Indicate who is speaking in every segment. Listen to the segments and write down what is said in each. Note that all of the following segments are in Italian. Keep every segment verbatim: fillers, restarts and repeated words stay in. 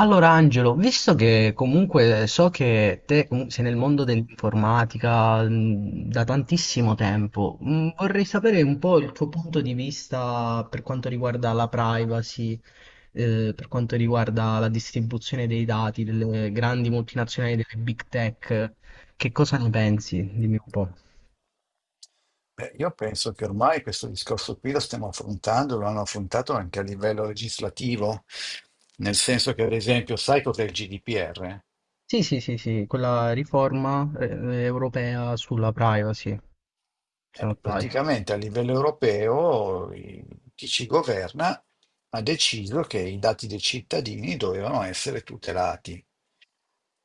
Speaker 1: Allora Angelo, visto che comunque so che te com- sei nel mondo dell'informatica, mh, da tantissimo tempo, mh, vorrei sapere un po' il tuo punto di vista per quanto riguarda la privacy, eh, per quanto riguarda la distribuzione dei dati delle grandi multinazionali, delle big tech. Che cosa ne pensi? Dimmi un po'.
Speaker 2: Beh, io penso che ormai questo discorso qui lo stiamo affrontando, lo hanno affrontato anche a livello legislativo, nel senso che, ad esempio, sai cos'è il G D P R?
Speaker 1: Sì, sì, sì, sì, quella riforma, eh, europea sulla privacy, se non
Speaker 2: Eh, praticamente a livello europeo i- chi ci governa ha deciso che i dati dei cittadini dovevano essere tutelati.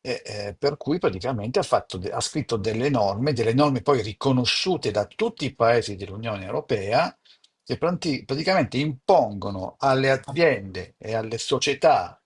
Speaker 2: E, eh, per cui praticamente ha, fatto de- ha scritto delle norme, delle norme poi riconosciute da tutti i paesi dell'Unione Europea, che pranti- praticamente impongono alle
Speaker 1: sbaglio.
Speaker 2: aziende e alle società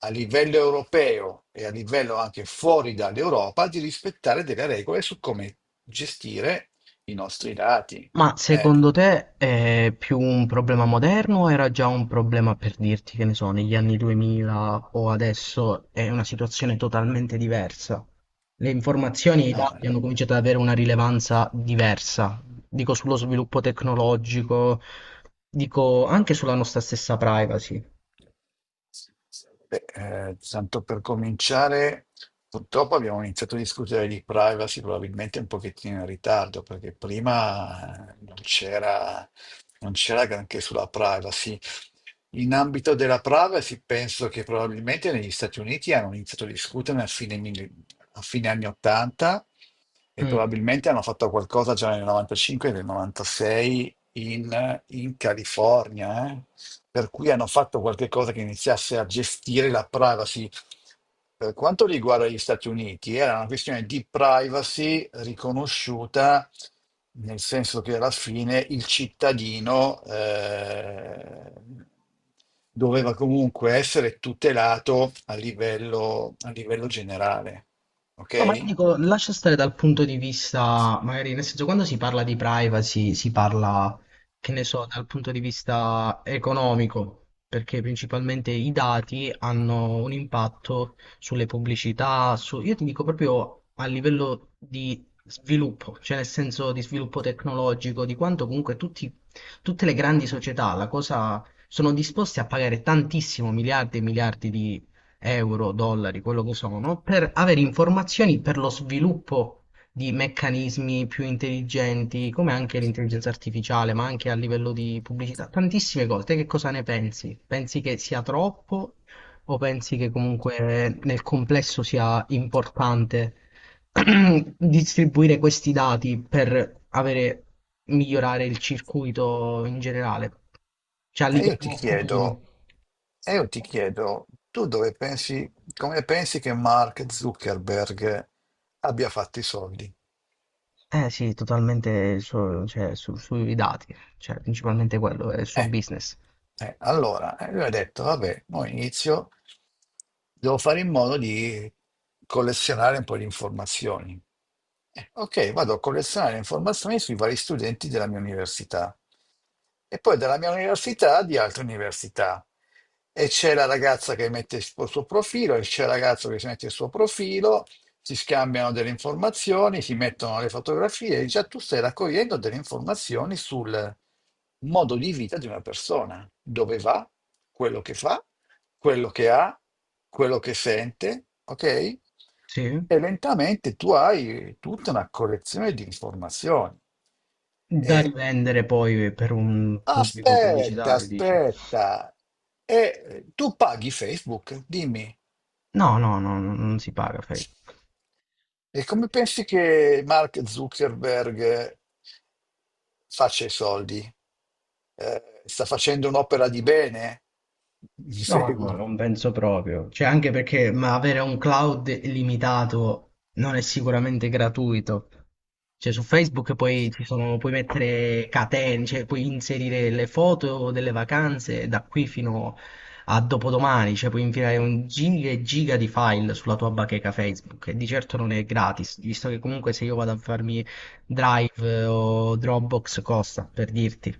Speaker 2: a livello europeo e a livello anche fuori dall'Europa di rispettare delle regole su come gestire i nostri dati.
Speaker 1: Ma
Speaker 2: Eh,
Speaker 1: secondo te è più un problema moderno o era già un problema per dirti, che ne so, negli anni duemila, o adesso è una situazione totalmente diversa? Le informazioni e i
Speaker 2: no,
Speaker 1: dati hanno cominciato ad
Speaker 2: eh,
Speaker 1: avere una rilevanza diversa, dico sullo sviluppo tecnologico, dico anche sulla nostra stessa privacy.
Speaker 2: Beh, eh, Tanto per cominciare, purtroppo abbiamo iniziato a discutere di privacy probabilmente un pochettino in ritardo, perché prima eh, non c'era non c'era granché sulla privacy. In ambito della privacy, penso che probabilmente negli Stati Uniti hanno iniziato a discuterne a fine, mille- a fine anni ottanta e
Speaker 1: Mm.
Speaker 2: probabilmente hanno fatto qualcosa già nel novantacinque e nel novantasei in, in California, eh per cui hanno fatto qualche cosa che iniziasse a gestire la privacy. Per quanto riguarda gli Stati Uniti, era una questione di privacy riconosciuta, nel senso che alla fine il cittadino eh, doveva comunque essere tutelato a livello, a livello generale.
Speaker 1: No, ma io
Speaker 2: Ok?
Speaker 1: dico, lascia stare dal punto di vista, magari, nel senso, quando si parla di privacy, si parla, che ne so, dal punto di vista economico, perché principalmente i dati hanno un impatto sulle pubblicità, su... io ti dico proprio a livello di sviluppo, cioè nel senso di sviluppo tecnologico, di quanto comunque tutti, tutte le grandi società, la cosa, sono disposte a pagare tantissimo, miliardi e miliardi, euro, dollari, quello che sono, per avere informazioni per lo sviluppo di meccanismi più intelligenti, come anche l'intelligenza artificiale, ma anche a livello di pubblicità, tantissime cose. Te che cosa ne pensi? Pensi che sia troppo o pensi che comunque nel complesso sia importante distribuire questi dati per avere, migliorare il circuito in generale, cioè a
Speaker 2: E io ti
Speaker 1: livello futuro?
Speaker 2: chiedo, e io ti chiedo, tu dove pensi, come pensi che Mark Zuckerberg abbia fatto i soldi?
Speaker 1: Eh sì, totalmente il suo- cioè, su- sui dati, cioè principalmente quello, è il suo
Speaker 2: Eh,
Speaker 1: business.
Speaker 2: eh, allora, eh, lui ha detto, vabbè, mo inizio, devo fare in modo di collezionare un po' di informazioni. Eh, ok, vado a collezionare informazioni sui vari studenti della mia università e poi dalla mia università di altre università. E c'è la ragazza che mette il suo suo profilo, e c'è il ragazzo che si mette il suo profilo, si scambiano delle informazioni, si mettono le fotografie, e già tu stai raccogliendo delle informazioni sul modo di vita di una persona, dove va, quello che fa, quello che ha, quello che sente, ok?
Speaker 1: Sì.
Speaker 2: E lentamente tu hai tutta una collezione di informazioni.
Speaker 1: Da
Speaker 2: E
Speaker 1: rivendere poi per un pubblico
Speaker 2: aspetta,
Speaker 1: pubblicitario, dici?
Speaker 2: aspetta, e eh, Tu paghi Facebook? Dimmi.
Speaker 1: No, no, no, non si paga Facebook.
Speaker 2: E come pensi che Mark Zuckerberg faccia i soldi? Eh, sta facendo un'opera di bene? Mi
Speaker 1: No, no,
Speaker 2: segui?
Speaker 1: non penso proprio. Cioè, anche perché, ma avere un cloud illimitato non è sicuramente gratuito. Cioè, su Facebook poi ci sono, puoi mettere catene, cioè puoi inserire le foto delle vacanze da qui fino a dopodomani, cioè puoi inviare un giga e giga di file sulla tua bacheca Facebook e di certo non è gratis, visto che comunque se io vado a farmi Drive eh, o Dropbox, costa, per dirti.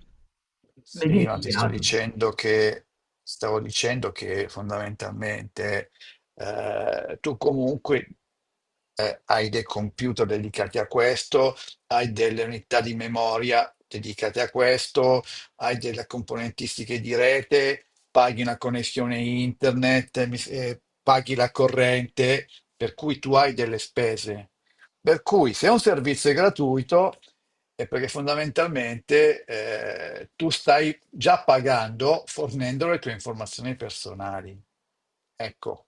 Speaker 1: Beh, è
Speaker 2: Sì, ma ti sto
Speaker 1: gratis.
Speaker 2: dicendo che, stavo dicendo che fondamentalmente eh, tu comunque eh, hai dei computer dedicati a questo, hai delle unità di memoria dedicate a questo, hai delle componentistiche di rete, paghi una connessione internet, mi- eh, paghi la corrente, per cui tu hai delle spese. Per cui se un servizio è gratuito. E perché fondamentalmente eh, tu stai già pagando fornendo le tue informazioni personali. Ecco,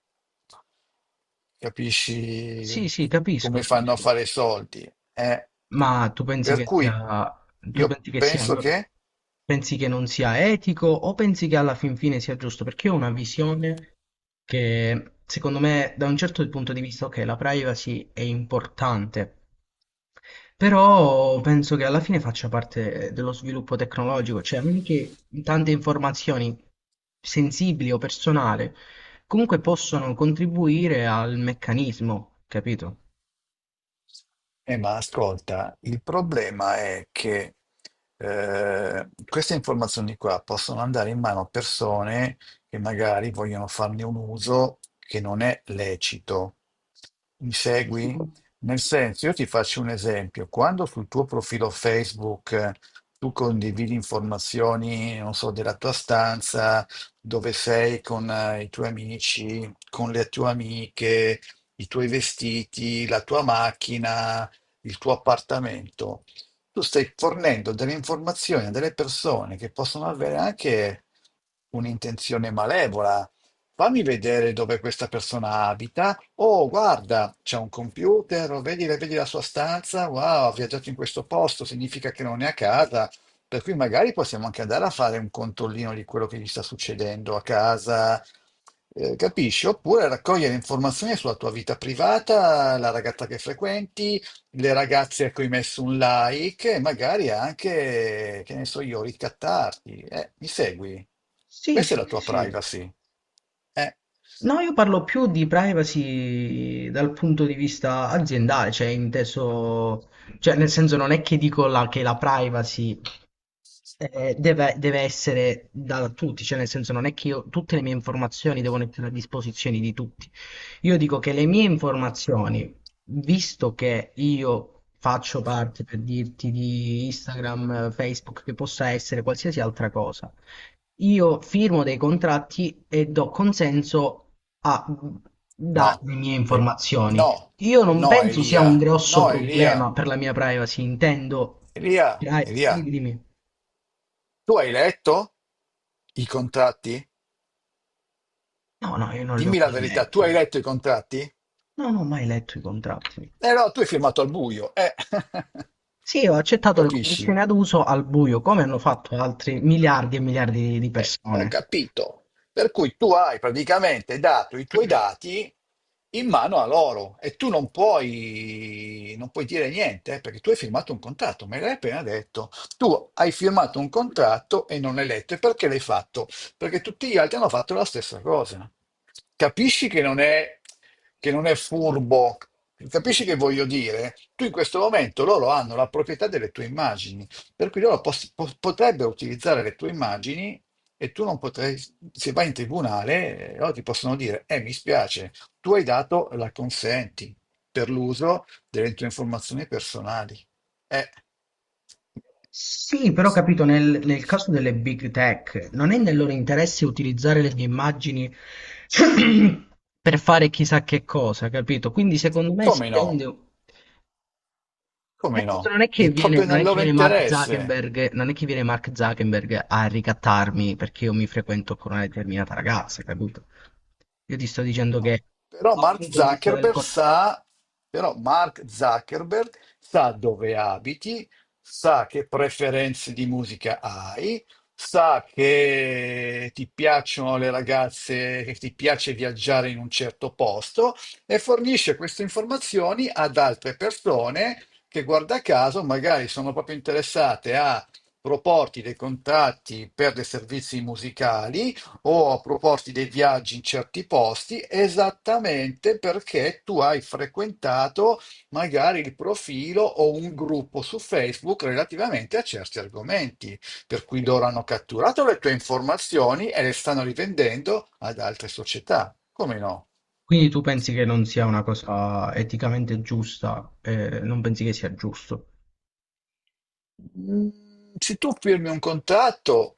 Speaker 2: capisci
Speaker 1: Sì, sì, capisco,
Speaker 2: come fanno a
Speaker 1: capisco.
Speaker 2: fare i soldi. Eh?
Speaker 1: Ma tu pensi
Speaker 2: Per
Speaker 1: che
Speaker 2: cui
Speaker 1: sia, tu
Speaker 2: io
Speaker 1: pensi che sia,
Speaker 2: penso
Speaker 1: allora,
Speaker 2: che
Speaker 1: pensi che non sia etico o pensi che alla fin fine sia giusto? Perché io ho una visione che secondo me, da un certo punto di vista, ok, la privacy è importante, però penso che alla fine faccia parte dello sviluppo tecnologico, cioè anche tante informazioni sensibili o personali comunque possono contribuire al meccanismo, capito?
Speaker 2: Eh, ma ascolta, il problema è che eh, queste informazioni qua possono andare in mano a persone che magari vogliono farne un uso che non è lecito. Mi segui? Nel senso, io ti faccio un esempio. Quando sul tuo profilo Facebook eh, tu condividi informazioni, non so, della tua stanza, dove sei con eh, i tuoi amici, con le tue amiche, i tuoi vestiti, la tua macchina il tuo appartamento, tu stai fornendo delle informazioni a delle persone che possono avere anche un'intenzione malevola. Fammi vedere dove questa persona abita. Oh, guarda, c'è un computer, oh, vedi, vedi la sua stanza. Wow, ha viaggiato in questo posto, significa che non è a casa. Per cui magari possiamo anche andare a fare un controllino di quello che gli sta succedendo a casa, eh, capisci? Oppure raccogliere informazioni sulla tua vita privata, la ragazza che frequenti, le ragazze a cui hai messo un like e magari anche, che ne so io, ricattarti. Eh, mi segui?
Speaker 1: Sì,
Speaker 2: Questa è
Speaker 1: sì,
Speaker 2: la
Speaker 1: sì,
Speaker 2: tua
Speaker 1: sì.
Speaker 2: privacy. Eh,
Speaker 1: No, io parlo più di privacy dal punto di vista aziendale, cioè inteso, cioè nel senso non è che dico la- che la privacy, eh, deve, deve essere da tutti, cioè nel senso non è che io, tutte le mie informazioni devono essere a disposizione di tutti. Io dico che le mie informazioni, visto che io faccio parte, per dirti, di Instagram, eh, Facebook, che possa essere qualsiasi altra cosa, io firmo dei contratti e do consenso a dare
Speaker 2: no.
Speaker 1: le mie
Speaker 2: Eh,
Speaker 1: informazioni.
Speaker 2: No,
Speaker 1: Io non
Speaker 2: no,
Speaker 1: penso sia un
Speaker 2: Elia.
Speaker 1: grosso
Speaker 2: No,
Speaker 1: problema
Speaker 2: Elia.
Speaker 1: per la mia privacy, intendo...
Speaker 2: Elia,
Speaker 1: Dai,
Speaker 2: Elia,
Speaker 1: dimmi, dimmi.
Speaker 2: tu hai letto i contratti?
Speaker 1: No, no, io non li ho
Speaker 2: Dimmi la
Speaker 1: mai
Speaker 2: verità, tu
Speaker 1: letti.
Speaker 2: hai letto i contratti?
Speaker 1: No, non ho mai letto i contratti.
Speaker 2: Eh no, tu hai firmato al buio. Eh.
Speaker 1: Sì, ho accettato le
Speaker 2: Capisci?
Speaker 1: condizioni ad uso al buio, come hanno fatto altri miliardi e miliardi di
Speaker 2: Eh, ho
Speaker 1: persone.
Speaker 2: capito. Per cui tu hai praticamente dato i tuoi dati in mano a loro e tu non puoi, non puoi dire niente eh, perché tu hai firmato un contratto, me l'hai appena detto. Tu hai firmato un contratto e non l'hai letto. E perché l'hai fatto? Perché tutti gli altri hanno fatto la stessa cosa. Capisci che non è, che non è furbo? Capisci che voglio dire? Tu in questo momento loro hanno la proprietà delle tue immagini, per cui loro pos- po- potrebbero utilizzare le tue immagini e tu non potrai, se vai in tribunale, eh, loro ti possono dire, eh, mi spiace, tu hai dato la consenti per l'uso delle tue informazioni personali. Eh,
Speaker 1: Sì, però capito, nel, nel caso delle big tech, non è nel loro interesse utilizzare le mie immagini per fare chissà che cosa, capito? Quindi secondo me si
Speaker 2: come
Speaker 1: tende.
Speaker 2: no?
Speaker 1: Nel
Speaker 2: Come
Speaker 1: senso,
Speaker 2: no?
Speaker 1: Non è che
Speaker 2: È
Speaker 1: viene,
Speaker 2: proprio
Speaker 1: non
Speaker 2: nel
Speaker 1: è che
Speaker 2: loro
Speaker 1: viene Mark
Speaker 2: interesse.
Speaker 1: Zuckerberg, non è che viene Mark Zuckerberg a ricattarmi perché io mi frequento con una determinata ragazza, capito? Io ti sto dicendo
Speaker 2: No,
Speaker 1: che
Speaker 2: però
Speaker 1: dal
Speaker 2: Mark
Speaker 1: punto di vista delle
Speaker 2: Zuckerberg
Speaker 1: cose.
Speaker 2: sa, Però Mark Zuckerberg sa dove abiti, sa che preferenze di musica hai, sa che ti piacciono le ragazze, che ti piace viaggiare in un certo posto e fornisce queste informazioni ad altre persone che, guarda caso, magari sono proprio interessate a proporti dei contatti per dei servizi musicali o proposti dei viaggi in certi posti esattamente perché tu hai frequentato magari il profilo o un gruppo su Facebook relativamente a certi argomenti, per cui loro hanno catturato le tue informazioni e le stanno rivendendo ad altre società. Come no?
Speaker 1: Quindi tu pensi che non sia una cosa eticamente giusta, eh, non pensi che sia giusto
Speaker 2: Mm, Se tu firmi un contratto,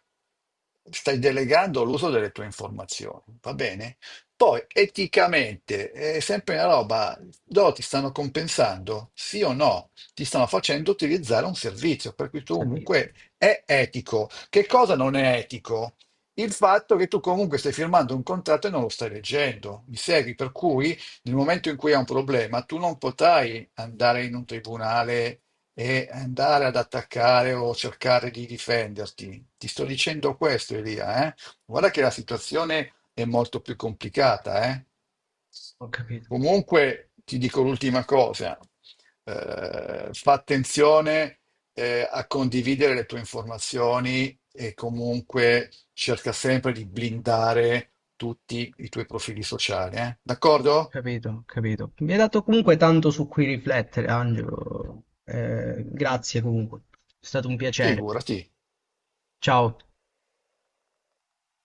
Speaker 2: stai delegando l'uso delle tue informazioni, va bene? Poi, eticamente, è sempre una roba, loro ti stanno compensando, sì o no? Ti stanno facendo utilizzare un servizio, per cui
Speaker 1: il
Speaker 2: tu
Speaker 1: servizio?
Speaker 2: comunque è etico. Che cosa non è etico? Il fatto che tu comunque stai firmando un contratto e non lo stai leggendo, mi segui? Per cui nel momento in cui hai un problema, tu non potrai andare in un tribunale e andare ad attaccare o cercare di difenderti. Ti sto dicendo questo, Elia, eh. Guarda che la situazione è molto più complicata, eh.
Speaker 1: Ho capito,
Speaker 2: Comunque ti dico l'ultima cosa, eh, fa attenzione eh, a condividere le tue informazioni e comunque cerca sempre di blindare tutti i tuoi profili sociali, eh.
Speaker 1: ho
Speaker 2: D'accordo?
Speaker 1: capito, ho capito. Mi hai dato comunque tanto su cui riflettere, Angelo. Eh, grazie comunque, è stato un piacere.
Speaker 2: Figurati.
Speaker 1: Ciao.